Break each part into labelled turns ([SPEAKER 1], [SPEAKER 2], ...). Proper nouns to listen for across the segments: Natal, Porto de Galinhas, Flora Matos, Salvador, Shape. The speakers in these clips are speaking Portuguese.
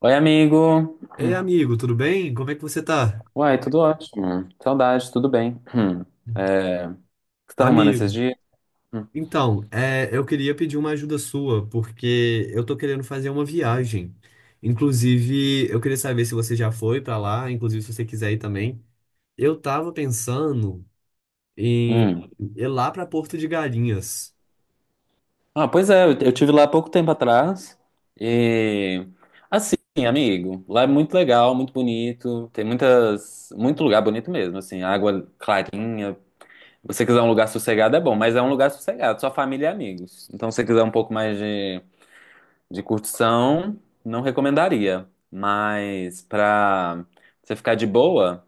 [SPEAKER 1] Oi, amigo.
[SPEAKER 2] Ei,
[SPEAKER 1] Hum.
[SPEAKER 2] amigo, tudo bem? Como é que você tá?
[SPEAKER 1] Uai, tudo ótimo. Saudade, tudo bem. Hum. É, o que você tá arrumando esses
[SPEAKER 2] Amigo,
[SPEAKER 1] dias? Hum.
[SPEAKER 2] então, eu queria pedir uma ajuda sua, porque eu tô querendo fazer uma viagem. Inclusive, eu queria saber se você já foi pra lá, inclusive se você quiser ir também. Eu tava pensando em
[SPEAKER 1] Hum.
[SPEAKER 2] ir lá pra Porto de Galinhas.
[SPEAKER 1] Ah, pois é, eu tive lá há pouco tempo atrás. E assim, amigo, lá é muito legal, muito bonito. Tem muito lugar bonito mesmo, assim, água clarinha. Se você quiser um lugar sossegado é bom, mas é um lugar sossegado, só família e amigos. Então, se você quiser um pouco mais de curtição, não recomendaria. Mas pra você ficar de boa.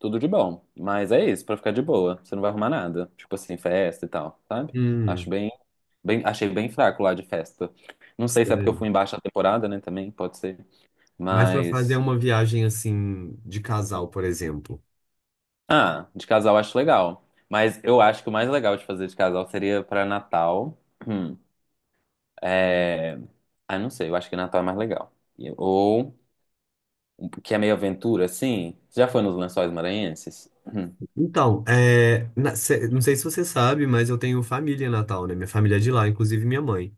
[SPEAKER 1] Tudo de bom. Mas é isso, pra ficar de boa. Você não vai arrumar nada. Tipo assim, festa e tal, sabe? Acho
[SPEAKER 2] Hum,
[SPEAKER 1] bem, Achei bem fraco lá de festa. Não sei se é porque eu
[SPEAKER 2] sério.
[SPEAKER 1] fui em baixa temporada, né? Também pode ser.
[SPEAKER 2] Mas pra fazer
[SPEAKER 1] Mas.
[SPEAKER 2] uma viagem assim de casal, por exemplo.
[SPEAKER 1] Ah, de casal acho legal. Mas eu acho que o mais legal de fazer de casal seria pra Natal. Hum. É... Ah, não sei, eu acho que Natal é mais legal. Ou um, que é meio aventura, assim. Você já foi nos Lençóis Maranhenses? Hum.
[SPEAKER 2] Então, não sei se você sabe, mas eu tenho família em Natal, né? Minha família é de lá, inclusive minha mãe.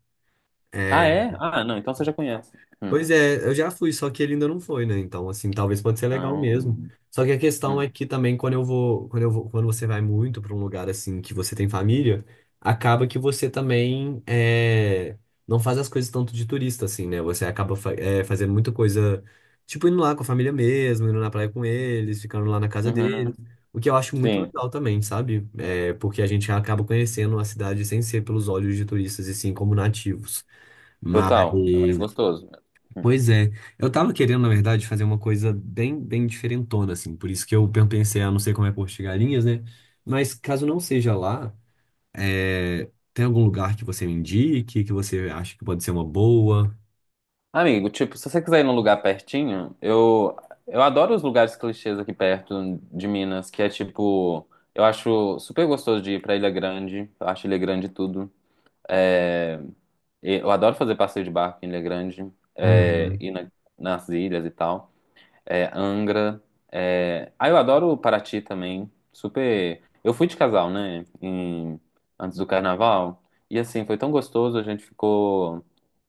[SPEAKER 1] Ah,
[SPEAKER 2] É,
[SPEAKER 1] é? Ah, não, então você já conhece. Hum.
[SPEAKER 2] Pois é, eu já fui, só que ele ainda não foi, né? Então, assim, talvez pode ser legal
[SPEAKER 1] Ah,
[SPEAKER 2] mesmo.
[SPEAKER 1] hum.
[SPEAKER 2] Só que a questão é
[SPEAKER 1] Hum.
[SPEAKER 2] que também quando você vai muito para um lugar assim que você tem família, acaba que você também não faz as coisas tanto de turista, assim, né? Você acaba fazendo muita coisa, tipo indo lá com a família mesmo, indo na praia com eles, ficando lá na casa deles,
[SPEAKER 1] Uhum.
[SPEAKER 2] o que eu acho muito
[SPEAKER 1] Sim,
[SPEAKER 2] legal também, sabe? Porque a gente acaba conhecendo a cidade sem ser pelos olhos de turistas e sim como nativos. Mas
[SPEAKER 1] total. É mais gostoso mesmo. Hum.
[SPEAKER 2] Pois é, eu tava querendo, na verdade, fazer uma coisa bem, bem diferentona, assim, por isso que eu pensei, ah, não sei como é Porto de Galinhas, né? Mas caso não seja lá, tem algum lugar que você me indique, que você acha que pode ser uma boa?
[SPEAKER 1] Amigo, tipo, se você quiser ir num lugar pertinho, eu adoro os lugares clichês aqui perto de Minas, que é tipo, eu acho super gostoso de ir pra Ilha Grande, eu acho Ilha Grande tudo. É, eu adoro fazer passeio de barco em Ilha Grande, é,
[SPEAKER 2] Uhum,
[SPEAKER 1] ir nas ilhas e tal. É, Angra. É... Ah, eu adoro Paraty também. Super. Eu fui de casal, né? Antes do carnaval. E assim, foi tão gostoso. A gente ficou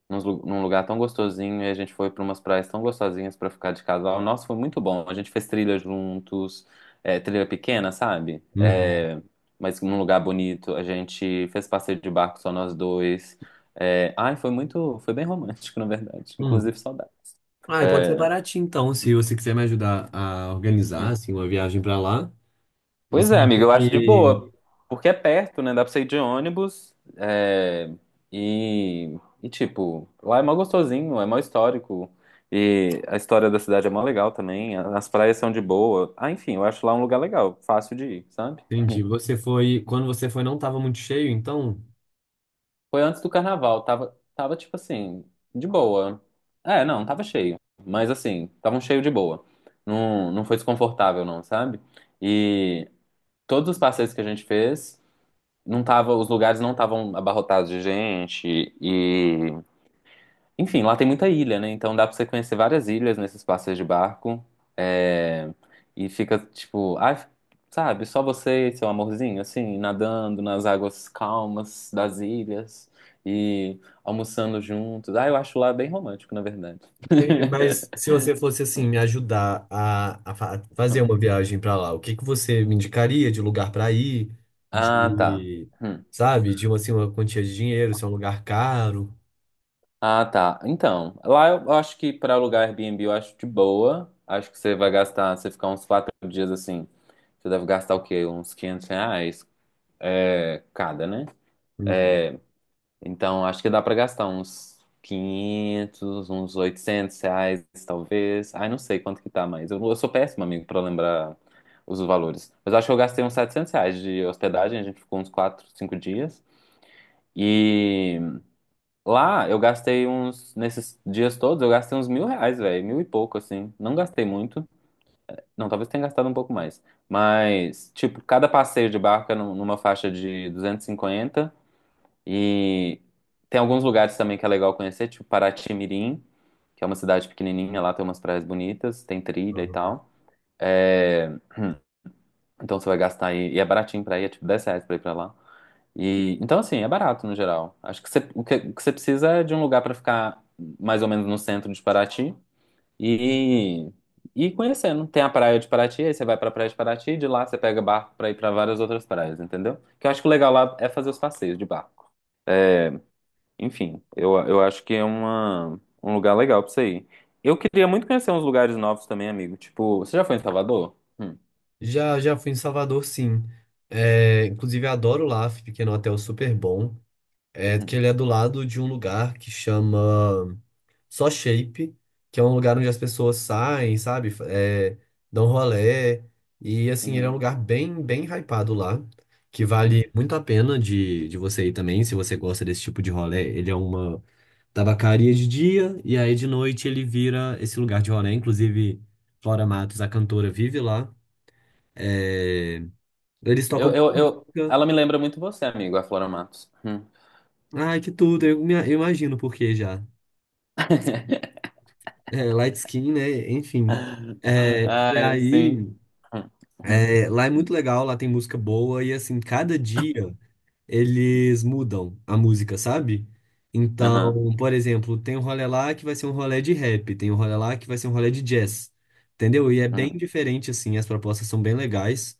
[SPEAKER 1] num lugar tão gostosinho. E a gente foi para umas praias tão gostosinhas para ficar de casal. Nossa, foi muito bom. A gente fez trilha juntos. É, trilha pequena, sabe?
[SPEAKER 2] uhum,
[SPEAKER 1] É, mas num lugar bonito. A gente fez passeio de barco só nós dois. É, ai, foi muito. Foi bem romântico, na verdade.
[SPEAKER 2] hum.
[SPEAKER 1] Inclusive, saudade.
[SPEAKER 2] Ah, e pode ser
[SPEAKER 1] É,
[SPEAKER 2] baratinho, então, se você quiser me ajudar a organizar,
[SPEAKER 1] hum.
[SPEAKER 2] assim, uma viagem pra lá.
[SPEAKER 1] Pois
[SPEAKER 2] Você
[SPEAKER 1] é,
[SPEAKER 2] acha
[SPEAKER 1] amiga, eu acho de
[SPEAKER 2] que...
[SPEAKER 1] boa, porque é perto, né? Dá pra você ir de ônibus é, e, tipo, lá é mó gostosinho, é mó histórico. E a história da cidade é mó legal também, as praias são de boa. Ah, enfim, eu acho lá um lugar legal, fácil de ir, sabe?
[SPEAKER 2] Entendi, Quando você foi não tava muito cheio, então?
[SPEAKER 1] Foi antes do carnaval, tava tipo assim, de boa. É, não, tava cheio, mas assim, tava um cheio de boa. Não, não foi desconfortável, não, sabe? E todos os passeios que a gente fez, não tava, os lugares não estavam abarrotados de gente e, enfim, lá tem muita ilha, né? Então dá pra você conhecer várias ilhas nesses passeios de barco é, e fica tipo, ai, sabe, só você, e seu amorzinho, assim, nadando nas águas calmas das ilhas e almoçando juntos. Ah, eu acho lá bem romântico, na verdade.
[SPEAKER 2] Entendi, mas se você fosse assim me ajudar a fazer uma viagem pra lá, o que que você me indicaria de lugar pra ir,
[SPEAKER 1] Ah, tá.
[SPEAKER 2] de,
[SPEAKER 1] Hum.
[SPEAKER 2] sabe, de uma, assim, uma quantia de dinheiro, se é um lugar caro?
[SPEAKER 1] Ah, tá. Então, lá eu acho que para alugar Airbnb eu acho de boa. Acho que você vai gastar, você ficar uns 4 dias assim, você deve gastar o quê? Uns 500 reais é, cada, né?
[SPEAKER 2] Uhum.
[SPEAKER 1] É, então, acho que dá para gastar uns 500, uns 800 reais, talvez. Ai, não sei quanto que tá, mas eu sou péssimo, amigo, para lembrar os valores. Mas acho que eu gastei uns 700 reais de hospedagem, a gente ficou uns 4, 5 dias. E lá eu gastei uns, nesses dias todos, eu gastei uns 1.000 reais, velho, mil e pouco, assim. Não gastei muito. Não, talvez tenha gastado um pouco mais. Mas, tipo, cada passeio de barco é numa faixa de 250 e tem alguns lugares também que é legal conhecer, tipo Paraty-Mirim, que é uma cidade pequenininha, lá tem umas praias bonitas, tem trilha e tal. É, então você vai gastar aí, e é baratinho pra ir, é tipo 10 reais pra ir pra lá. E, então, assim, é barato no geral. Acho que você, o que você precisa é de um lugar pra ficar mais ou menos no centro de Paraty e, e ir conhecendo. Tem a praia de Paraty, aí você vai pra praia de Paraty, e de lá você pega barco pra ir pra várias outras praias, entendeu? Que eu acho que o legal lá é fazer os passeios de barco. Enfim, eu acho que é uma, um lugar legal pra você ir. Eu queria muito conhecer uns lugares novos também, amigo. Tipo, você já foi em Salvador? Hum.
[SPEAKER 2] Já fui em Salvador, sim. Inclusive adoro lá, fiquei num hotel super bom. É
[SPEAKER 1] Hum.
[SPEAKER 2] que ele é do lado de um lugar que chama só Shape, que é um lugar onde as pessoas saem, sabe? Dão rolê. E assim, ele é um
[SPEAKER 1] Uhum.
[SPEAKER 2] lugar bem, bem hypado lá, que
[SPEAKER 1] Hum.
[SPEAKER 2] vale muito a pena de você ir também, se você gosta desse tipo de rolê. Ele é uma tabacaria de dia, e aí de noite ele vira esse lugar de rolê. Inclusive, Flora Matos, a cantora, vive lá. É, Eles
[SPEAKER 1] Eu,
[SPEAKER 2] tocam
[SPEAKER 1] eu, eu,
[SPEAKER 2] música.
[SPEAKER 1] ela me lembra muito você, amigo, a Flora Matos. Hum.
[SPEAKER 2] Ai, que tudo, eu imagino por que já. É, light skin, né? Enfim. E
[SPEAKER 1] Ai, sim.
[SPEAKER 2] aí. Lá é muito legal, lá tem música boa e assim, cada dia eles mudam a música, sabe?
[SPEAKER 1] Aham.
[SPEAKER 2] Então, por exemplo, tem um rolê lá que vai ser um rolê de rap, tem um rolê lá que vai ser um rolê de jazz, entendeu? E é bem
[SPEAKER 1] Uhum.
[SPEAKER 2] diferente, assim, as propostas são bem legais.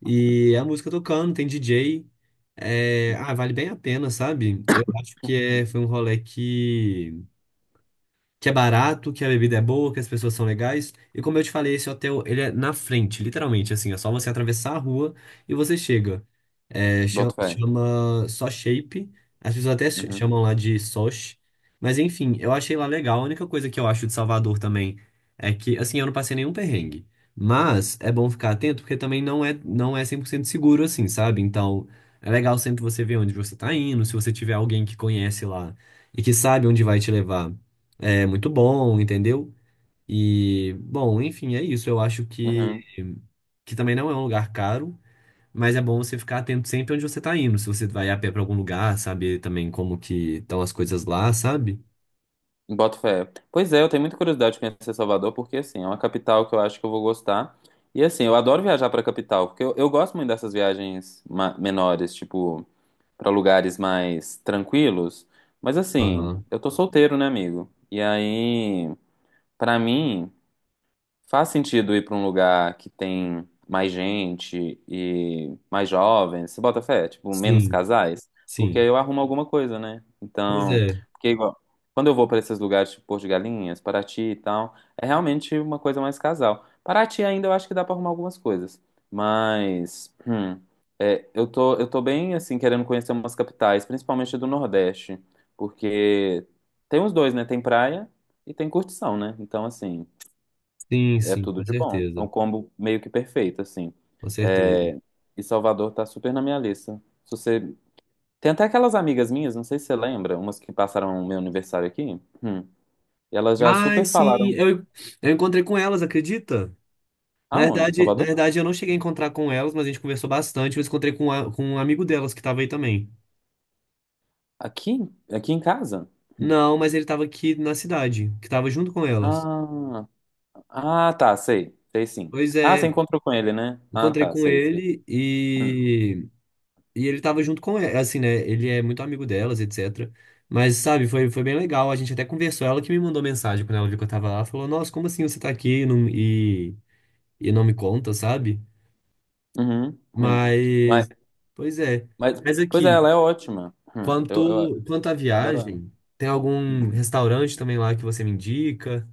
[SPEAKER 2] E é a música tocando, tem DJ.
[SPEAKER 1] Uhum.
[SPEAKER 2] Vale bem a pena, sabe? Eu acho que foi um rolê que é barato, que a bebida é boa, que as pessoas são legais. E como eu te falei, esse hotel, ele é na frente, literalmente, assim, é só você atravessar a rua e você chega.
[SPEAKER 1] Boto fé.
[SPEAKER 2] Chama só Shape. As pessoas até
[SPEAKER 1] Uhum.
[SPEAKER 2] chamam lá de Sosh. Mas enfim, eu achei lá legal. A única coisa que eu acho de Salvador também é que, assim, eu não passei nenhum perrengue. Mas é bom ficar atento porque também não é 100% seguro assim, sabe? Então, é legal sempre você ver onde você tá indo. Se você tiver alguém que conhece lá e que sabe onde vai te levar, é muito bom, entendeu? E, bom, enfim, é isso. Eu acho que,
[SPEAKER 1] Uhum.
[SPEAKER 2] que também não é um lugar caro. Mas é bom você ficar atento sempre onde você tá indo. Se você vai a pé pra algum lugar, saber também como que estão as coisas lá, sabe?
[SPEAKER 1] Boto fé. Pois é, eu tenho muita curiosidade de conhecer Salvador, porque assim, é uma capital que eu acho que eu vou gostar. E assim, eu adoro viajar pra capital, porque eu gosto muito dessas viagens menores, tipo, pra lugares mais tranquilos. Mas assim,
[SPEAKER 2] Aham.
[SPEAKER 1] eu tô solteiro, né, amigo? E aí, pra mim. Faz sentido ir para um lugar que tem mais gente e mais jovens, se bota fé, tipo, menos
[SPEAKER 2] Sim,
[SPEAKER 1] casais, porque aí
[SPEAKER 2] sim.
[SPEAKER 1] eu arrumo alguma coisa, né?
[SPEAKER 2] Pois
[SPEAKER 1] Então,
[SPEAKER 2] é.
[SPEAKER 1] porque igual, quando eu vou para esses lugares, tipo Porto de Galinhas, Paraty e tal, é realmente uma coisa mais casal. Paraty ainda eu acho que dá para arrumar algumas coisas, mas é, eu tô bem, assim, querendo conhecer umas capitais, principalmente do Nordeste, porque tem os dois, né? Tem praia e tem curtição, né? Então, assim.
[SPEAKER 2] Sim,
[SPEAKER 1] É
[SPEAKER 2] sim, com
[SPEAKER 1] tudo de bom. É um
[SPEAKER 2] certeza.
[SPEAKER 1] combo meio que perfeito, assim.
[SPEAKER 2] Com certeza.
[SPEAKER 1] É, e Salvador tá super na minha lista. Se você... Tem até aquelas amigas minhas, não sei se você lembra, umas que passaram o meu aniversário aqui. Hum. E elas já
[SPEAKER 2] Ai,
[SPEAKER 1] super
[SPEAKER 2] sim,
[SPEAKER 1] falaram.
[SPEAKER 2] eu encontrei com elas, acredita? Na
[SPEAKER 1] Aonde? Em
[SPEAKER 2] verdade, na
[SPEAKER 1] Salvador?
[SPEAKER 2] verdade, eu não cheguei a encontrar com elas, mas a gente conversou bastante. Eu encontrei com um amigo delas que tava aí também.
[SPEAKER 1] Aqui? Aqui em casa? Hum.
[SPEAKER 2] Não, mas ele tava aqui na cidade, que tava junto com elas.
[SPEAKER 1] Ah, ah, tá, sei. Sei sim.
[SPEAKER 2] Pois
[SPEAKER 1] Ah, você
[SPEAKER 2] é,
[SPEAKER 1] encontrou com ele, né? Ah,
[SPEAKER 2] encontrei
[SPEAKER 1] tá,
[SPEAKER 2] com
[SPEAKER 1] sei, sei.
[SPEAKER 2] ele
[SPEAKER 1] Hum.
[SPEAKER 2] e ele tava junto com ela, assim, né? Ele é muito amigo delas, etc. Mas, sabe, foi bem legal. A gente até conversou. Ela que me mandou mensagem quando ela viu que eu tava lá. Falou, nossa, como assim você tá aqui e não, não me conta, sabe?
[SPEAKER 1] Uhum. Hum. Mas,
[SPEAKER 2] Mas, pois é.
[SPEAKER 1] mas,
[SPEAKER 2] Mas
[SPEAKER 1] pois é,
[SPEAKER 2] aqui,
[SPEAKER 1] ela é ótima. Hum. Eu
[SPEAKER 2] quanto à
[SPEAKER 1] adoro ela.
[SPEAKER 2] viagem, tem
[SPEAKER 1] Hum.
[SPEAKER 2] algum restaurante também lá que você me indica?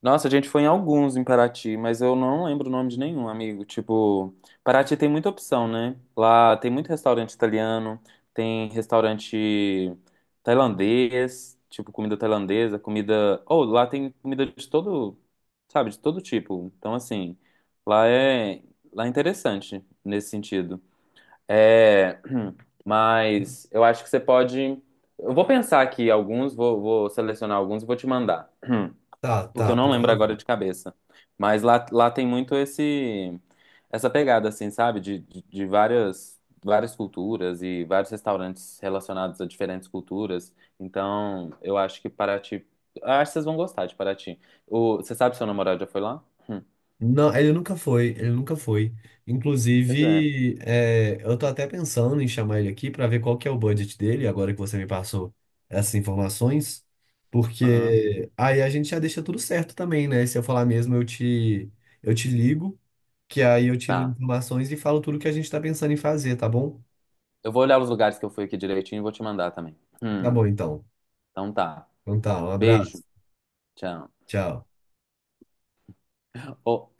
[SPEAKER 1] Nossa, a gente foi em alguns em Paraty, mas eu não lembro o nome de nenhum, amigo. Tipo, Paraty tem muita opção, né? Lá tem muito restaurante italiano, tem restaurante tailandês, tipo comida tailandesa, comida. Ou lá tem comida de todo, sabe, de todo tipo. Então, assim, lá é, lá é interessante nesse sentido. É, mas eu acho que você pode. Eu vou pensar aqui alguns, vou selecionar alguns e vou te mandar.
[SPEAKER 2] Tá,
[SPEAKER 1] porque
[SPEAKER 2] tá,
[SPEAKER 1] eu não
[SPEAKER 2] por
[SPEAKER 1] lembro
[SPEAKER 2] favor.
[SPEAKER 1] agora de cabeça. Mas lá, lá tem muito esse essa pegada, assim, sabe? De várias, várias culturas e vários restaurantes relacionados a diferentes culturas. Então, eu acho que Paraty. Eu acho que vocês vão gostar de Paraty. O, você sabe se seu namorado já foi lá? Hum,
[SPEAKER 2] Não, ele nunca foi, ele nunca foi.
[SPEAKER 1] pois é.
[SPEAKER 2] Inclusive, eu tô até pensando em chamar ele aqui para ver qual que é o budget dele, agora que você me passou essas informações,
[SPEAKER 1] Aham,
[SPEAKER 2] porque aí a gente já deixa tudo certo também, né? Se eu falar mesmo, eu te ligo, que aí eu tiro
[SPEAKER 1] tá.
[SPEAKER 2] informações e falo tudo que a gente tá pensando em fazer, tá bom?
[SPEAKER 1] Eu vou olhar os lugares que eu fui aqui direitinho e vou te mandar também.
[SPEAKER 2] Tá
[SPEAKER 1] Hum,
[SPEAKER 2] bom, então.
[SPEAKER 1] então tá.
[SPEAKER 2] Então tá, um abraço.
[SPEAKER 1] Beijo. Tchau.
[SPEAKER 2] Tchau.
[SPEAKER 1] Ô,